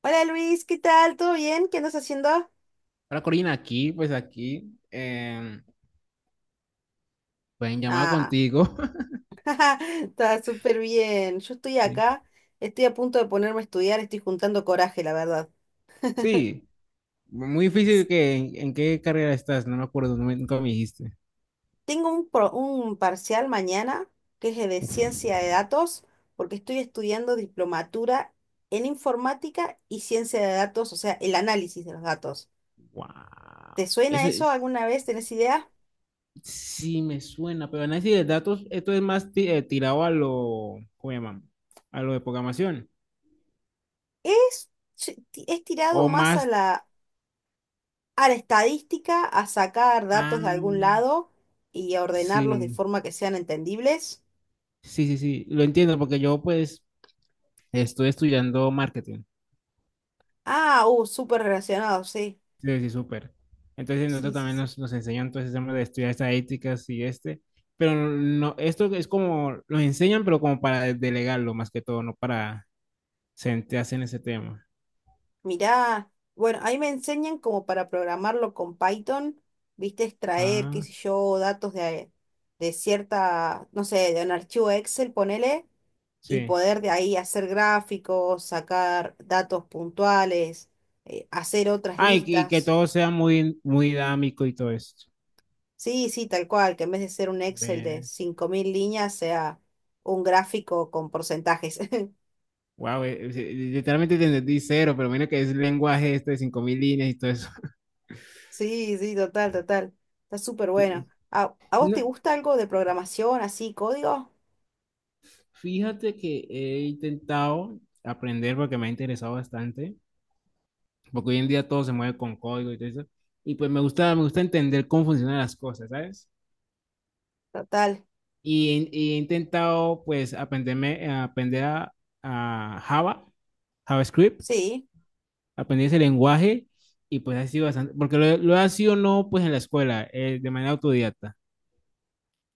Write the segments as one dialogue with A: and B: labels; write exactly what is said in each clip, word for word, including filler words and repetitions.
A: Hola Luis, ¿qué tal? ¿Todo bien? ¿Qué andas haciendo?
B: Hola Corina, aquí, pues aquí, em, pues en llamada
A: Ah,
B: contigo.
A: está súper bien. Yo estoy
B: Sí.
A: acá, estoy a punto de ponerme a estudiar, estoy juntando coraje, la verdad.
B: Sí, muy difícil que en, en qué carrera estás, no me acuerdo, no me- nunca me dijiste.
A: Tengo un, pro- un parcial mañana que es de ciencia de datos, porque estoy estudiando diplomatura en informática y ciencia de datos, o sea, el análisis de los datos.
B: Wow,
A: ¿Te suena
B: eso
A: eso
B: es,
A: alguna vez? ¿Tenés idea?
B: sí me suena, pero análisis de datos, esto es más ti- eh, tirado a lo, ¿cómo llaman? A lo de programación,
A: Es, es tirado
B: o
A: más a
B: más,
A: la a la estadística, a sacar datos de algún
B: ah,
A: lado y a ordenarlos de
B: sí,
A: forma que sean entendibles.
B: sí, sí, sí, lo entiendo, porque yo pues estoy estudiando marketing.
A: Ah, uh, súper relacionado, sí.
B: Sí, sí, súper. Entonces nosotros
A: Sí, sí,
B: también
A: sí.
B: nos, nos enseñan todo ese tema de estudiar estadísticas y este, pero no, esto es como, los enseñan, pero como para delegarlo más que todo, no para centrarse en ese tema.
A: Mirá, bueno, ahí me enseñan como para programarlo con Python, viste, extraer, qué
B: Ah,
A: sé yo, datos de, de cierta, no sé, de un archivo Excel, ponele, y
B: sí.
A: poder de ahí hacer gráficos, sacar datos puntuales, eh, hacer otras
B: Ah, y, que y que
A: listas.
B: todo sea muy, muy dinámico y todo esto.
A: Sí, sí, tal cual, que en vez de ser un Excel de
B: Ve.
A: cinco mil líneas sea un gráfico con porcentajes.
B: Wow, eh, eh, literalmente te entendí cero, pero menos que es lenguaje este de cinco mil líneas y todo eso.
A: Sí, sí, total, total. Está súper bueno.
B: Fí-
A: ¿A, a vos
B: no,
A: te gusta algo de programación, así, código?
B: fíjate que he intentado aprender porque me ha interesado bastante porque hoy en día todo se mueve con código y todo eso. Y pues me gusta, me gusta entender cómo funcionan las cosas, ¿sabes?
A: Total,
B: Y, y he intentado pues aprenderme, aprender a, a Java, JavaScript,
A: sí,
B: aprender ese lenguaje y pues ha sido bastante, porque lo, lo ha sido no pues en la escuela, eh, de manera autodidacta,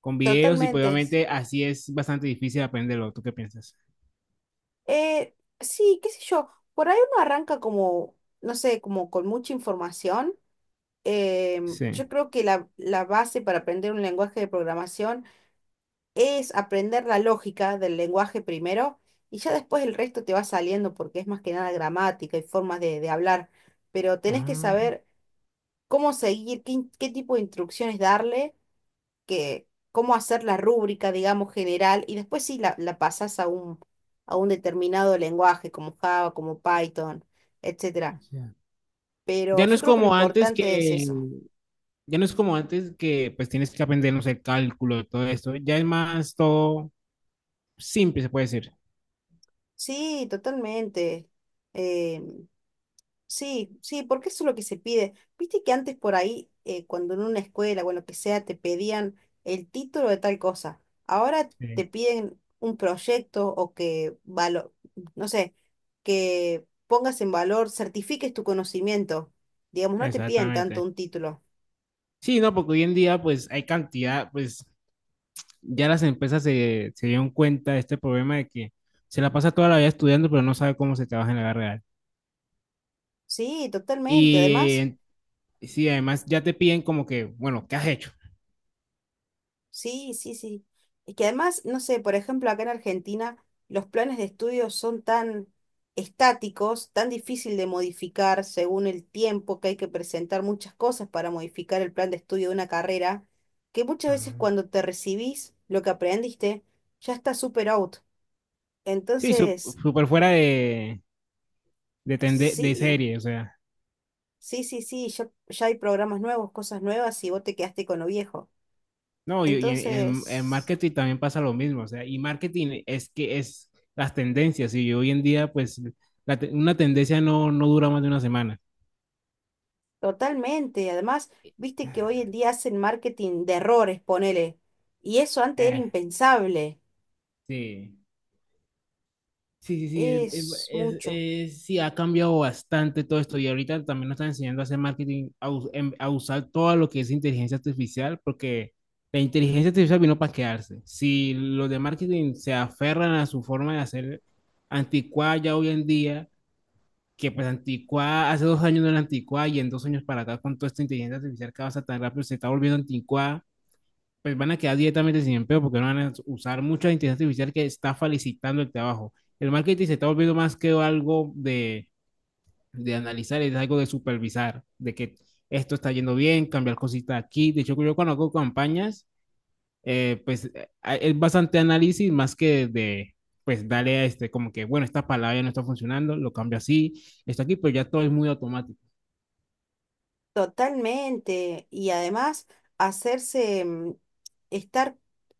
B: con videos y pues
A: totalmente.
B: obviamente así es bastante difícil aprenderlo. ¿Tú qué piensas?
A: Eh, sí, qué sé yo, por ahí uno arranca como, no sé, como con mucha información. Em,
B: Sí.
A: yo creo que la, la base para aprender un lenguaje de programación es aprender la lógica del lenguaje primero y ya después el resto te va saliendo porque es más que nada gramática y formas de, de hablar, pero tenés que
B: Ah,
A: saber cómo seguir, qué, in- qué tipo de instrucciones darle, que, cómo hacer la rúbrica, digamos, general y después sí la, la pasás a un, a un determinado lenguaje como Java, como Python, etcétera.
B: ya.
A: Pero
B: Ya no
A: yo
B: es
A: creo que lo
B: como antes
A: importante es
B: que
A: eso.
B: ya no es como antes que pues tienes que aprender, no sé, cálculo y todo esto. Ya es más todo simple, se puede decir.
A: Sí, totalmente. Eh, Sí, sí, porque eso es lo que se pide. Viste que antes por ahí, eh, cuando en una escuela o en lo que sea, te pedían el título de tal cosa. Ahora
B: Sí.
A: te piden un proyecto o que, valo- no sé, que pongas en valor, certifiques tu conocimiento. Digamos, no te piden tanto
B: Exactamente.
A: un título.
B: Sí, no, porque hoy en día pues hay cantidad, pues ya las empresas se, se dieron cuenta de este problema de que se la pasa toda la vida estudiando, pero no sabe cómo se trabaja en la vida real.
A: Sí, totalmente.
B: Y
A: Además...
B: eh, sí, además ya te piden como que, bueno, ¿qué has hecho?
A: Sí, sí, sí. Y que además, no sé, por ejemplo, acá en Argentina los planes de estudio son tan estáticos, tan difícil de modificar según el tiempo que hay que presentar muchas cosas para modificar el plan de estudio de una carrera, que muchas veces
B: Ah.
A: cuando te recibís lo que aprendiste ya está super out.
B: Sí, su-
A: Entonces,
B: súper fuera de, de, tende- de
A: sí,
B: serie, o sea.
A: sí, sí, sí, ya, ya hay programas nuevos, cosas nuevas y vos te quedaste con lo viejo.
B: No, y, y en, en-
A: Entonces...
B: en marketing también pasa lo mismo, o sea, y marketing es que es las tendencias, y hoy en día, pues, la te- una tendencia no, no dura más de una semana.
A: Totalmente. Además, viste que hoy en día hacen marketing de errores, ponele. Y eso antes era
B: Eh,
A: impensable.
B: sí, sí, sí, sí, es-
A: Es
B: es-
A: mucho.
B: es- sí, ha cambiado bastante todo esto, y ahorita también nos están enseñando a hacer marketing, a, us- em- a usar todo lo que es inteligencia artificial, porque la inteligencia artificial vino para quedarse. Si los de marketing se aferran a su forma de hacer anticuada ya hoy en día, que pues Anticuá, hace dos años no era Anticuá y en dos años para acá con toda esta inteligencia artificial que avanza tan rápido se está volviendo Anticuá, pues van a quedar directamente sin empleo porque no van a usar mucha inteligencia artificial que está felicitando el trabajo. El marketing se está volviendo más que algo de, de analizar, es algo de supervisar, de que esto está yendo bien, cambiar cositas aquí. De hecho, yo cuando hago campañas, eh, pues a- es bastante análisis más que de, pues darle a este, como que, bueno, esta palabra ya no está funcionando, lo cambio así, esto aquí, pero ya todo es muy automático.
A: Totalmente. Y además, hacerse mm, estar,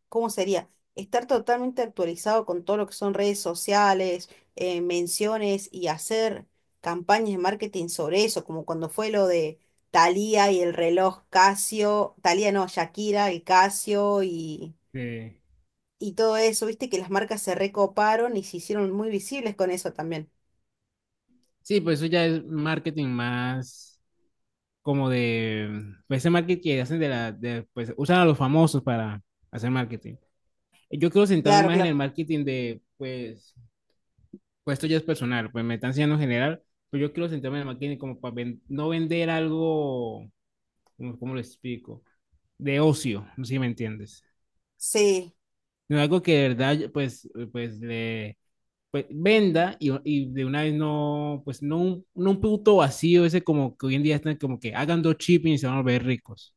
A: ¿cómo sería? Estar totalmente actualizado con todo lo que son redes sociales, eh, menciones y hacer campañas de marketing sobre eso, como cuando fue lo de Thalía y el reloj Casio, Thalía no, Shakira, el Casio y
B: Eh,
A: y todo eso, viste que las marcas se recoparon y se hicieron muy visibles con eso también.
B: sí, pues eso ya es marketing más como de, pues ese marketing que hacen de la, de, pues usan a los famosos para hacer marketing. Yo quiero sentarme
A: Claro,
B: más en el
A: claro.
B: marketing de, pues, pues esto ya es personal, pues me están enseñando en general, pero yo quiero sentarme en el marketing como para ven- no vender algo, ¿cómo cómo lo explico? De ocio, no sé si me entiendes.
A: Sí,
B: No es algo que de verdad, pues, pues le pues, venda y, y de una vez no, pues, no un, no un producto vacío, ese como que hoy en día están como que hagan dos chips y se van a volver ricos.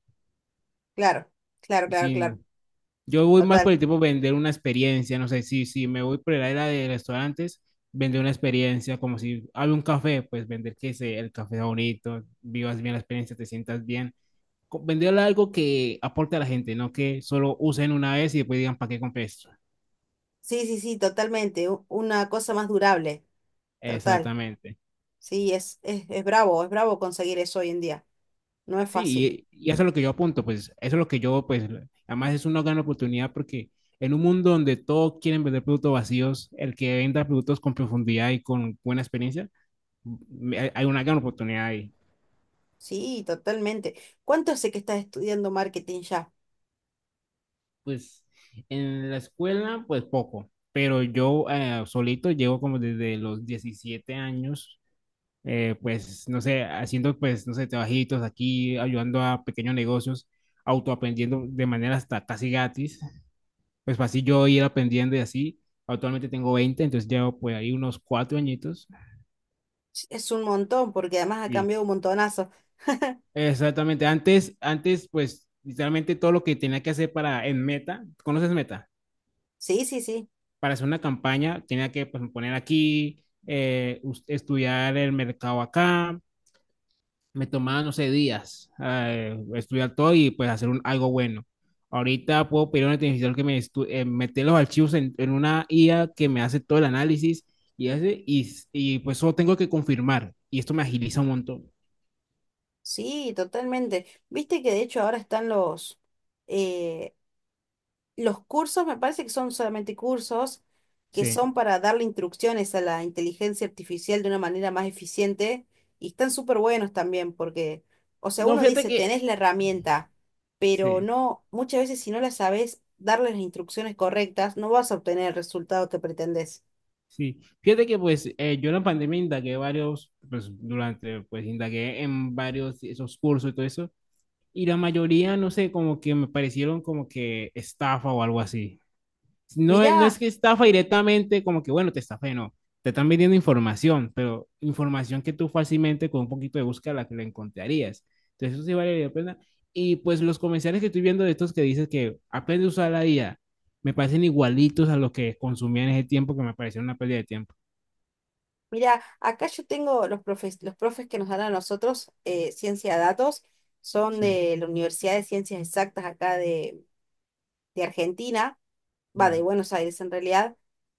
A: claro, claro, claro,
B: Sí,
A: claro.
B: yo voy más por
A: Total.
B: el tipo de vender una experiencia, no sé, si, si me voy por la era de restaurantes, vender una experiencia, como si abre un café, pues vender que se, el café es bonito, vivas bien la experiencia, te sientas bien. Co- Venderle algo que aporte a la gente, no que solo usen una vez y después digan, ¿para qué compré esto?
A: Sí, sí, sí, totalmente. u- Una cosa más durable. Total.
B: Exactamente.
A: Sí, es, es, es bravo, es bravo conseguir eso hoy en día. No es fácil.
B: Sí, y, y eso es lo que yo apunto, pues eso es lo que yo, pues, además es una gran oportunidad porque en un mundo donde todos quieren vender productos vacíos, el que venda productos con profundidad y con buena experiencia, mm, hay hay una gran oportunidad ahí.
A: Sí, totalmente. ¿Cuánto hace que estás estudiando marketing ya?
B: Pues en la escuela, pues poco, pero yo eh, solito llevo como desde los diecisiete años, eh, pues, no sé, haciendo, pues, no sé, trabajitos aquí, ayudando a pequeños negocios, autoaprendiendo de manera hasta casi gratis. Pues así yo ir aprendiendo y así. Actualmente tengo veinte, entonces llevo pues ahí unos cuatro añitos.
A: Ch- Es un montón, porque además ha
B: Sí,
A: cambiado un montonazo.
B: exactamente, antes, antes pues literalmente todo lo que tenía que hacer para en Meta, ¿conoces Meta?
A: Sí, sí, sí.
B: Para hacer una campaña tenía que pues, poner aquí, eh, us- estudiar el mercado acá, me tomaba, no sé, días eh, estudiar todo y pues hacer un, algo bueno. Ahorita puedo pedir a una inteligencia artificial que me estu- eh, meter los archivos en, en una I A que me hace todo el análisis y, hace, y, y pues solo tengo que confirmar y esto me agiliza un montón.
A: Sí, totalmente. Viste que de hecho ahora están los, eh, los cursos, me parece que son solamente cursos que
B: Sí.
A: son para darle instrucciones a la inteligencia artificial de una manera más eficiente y están súper buenos también porque, o sea,
B: No,
A: uno
B: fíjate
A: dice, tenés
B: que...
A: la herramienta, pero
B: Sí,
A: no, muchas veces si no la sabes darle las instrucciones correctas, no vas a obtener el resultado que pretendés.
B: sí. Fíjate que pues eh, yo en la pandemia indagué varios, pues durante, pues indagué en varios esos cursos y todo eso. Y la mayoría, no sé, como que me parecieron como que estafa o algo así. No, es- no es
A: Mirá,
B: que estafa directamente, como que bueno, te estafé, no. Te están vendiendo información, pero información que tú fácilmente con un poquito de búsqueda la que la encontrarías. Entonces, eso sí vale la pena. Y pues los comerciales que estoy viendo de estos que dices que aprende a usar la I A, me parecen igualitos a los que consumía en ese tiempo que me parecieron una pérdida de tiempo.
A: mirá, acá yo tengo los profes, los profes que nos dan a nosotros, eh, ciencia de datos, son
B: Sí,
A: de la Universidad de Ciencias Exactas acá de de Argentina, va, de
B: ya.
A: Buenos Aires en realidad,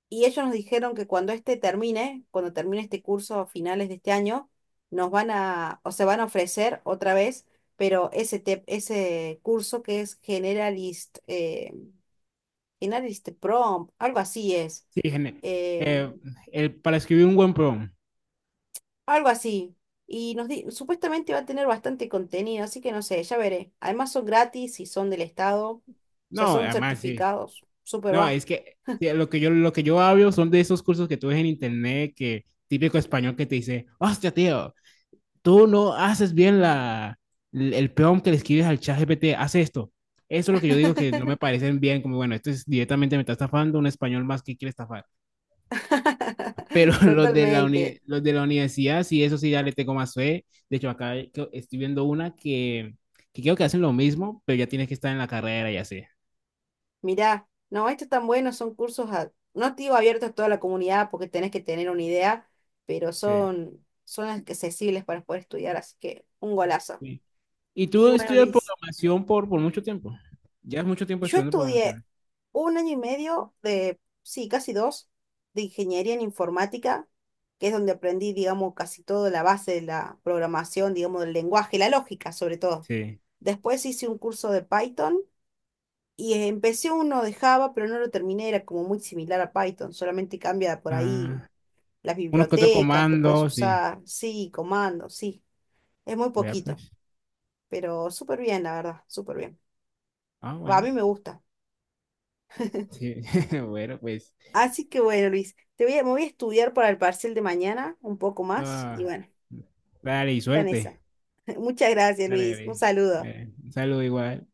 A: y ellos nos dijeron que cuando este termine, cuando termine este curso a finales de este año, nos van a, o se van a ofrecer otra vez, pero ese, te- ese curso que es Generalist, eh, Generalist Prompt, algo así es,
B: Sí, gene-
A: eh,
B: eh, el, para escribir un buen prompt.
A: algo así. Y nos di- supuestamente va a tener bastante contenido, así que no sé, ya veré. Además son gratis y son del Estado, o sea,
B: No,
A: son
B: además, sí.
A: certificados, súper
B: No,
A: va.
B: es que sí, lo que yo, lo que yo hablo son de esos cursos que tú ves en internet, que típico español que te dice, hostia, tío, tú no haces bien la, el el prompt que le escribes al chat G P T, haz esto. Eso es lo que yo digo que no me parecen bien, como bueno, esto es directamente me está estafando un español más que quiere estafar. Pero los de la, uni-
A: Totalmente.
B: los de la universidad, sí, eso sí, ya le tengo más fe. De hecho, acá hay- que- estoy viendo una que, que creo que hacen lo mismo, pero ya tienes que estar en la carrera y así.
A: Mirá, no, esto es tan bueno, son cursos, a- no te digo abiertos a toda la comunidad porque tenés que tener una idea, pero
B: Sí.
A: son, son accesibles para poder estudiar, así que un golazo.
B: Y tú
A: Y bueno,
B: estudias
A: Luis,
B: programación por, por mucho tiempo. Ya es mucho tiempo
A: yo
B: estudiando
A: estudié
B: programación.
A: un año y medio de, sí, casi dos, de ingeniería en informática, que es donde aprendí, digamos, casi toda la base de la programación, digamos, del lenguaje, la lógica sobre todo.
B: Sí.
A: Después hice un curso de Python y empecé uno de Java, pero no lo terminé, era como muy similar a Python, solamente cambia por ahí
B: Ah,
A: las
B: uno que otro
A: bibliotecas que puedes
B: comando, sí.
A: usar, sí, comandos, sí, es muy
B: Vea,
A: poquito,
B: pues.
A: pero súper bien, la verdad, súper bien.
B: Ah,
A: Va, a
B: bueno.
A: mí me gusta.
B: Sí. Bueno, pues.
A: Así que bueno, Luis, te voy a, me voy a estudiar para el parcial de mañana un poco más
B: No,
A: y bueno,
B: dale, y
A: está en esa.
B: suerte.
A: Muchas gracias,
B: Dale,
A: Luis, un
B: dale.
A: saludo.
B: Eh, un saludo igual.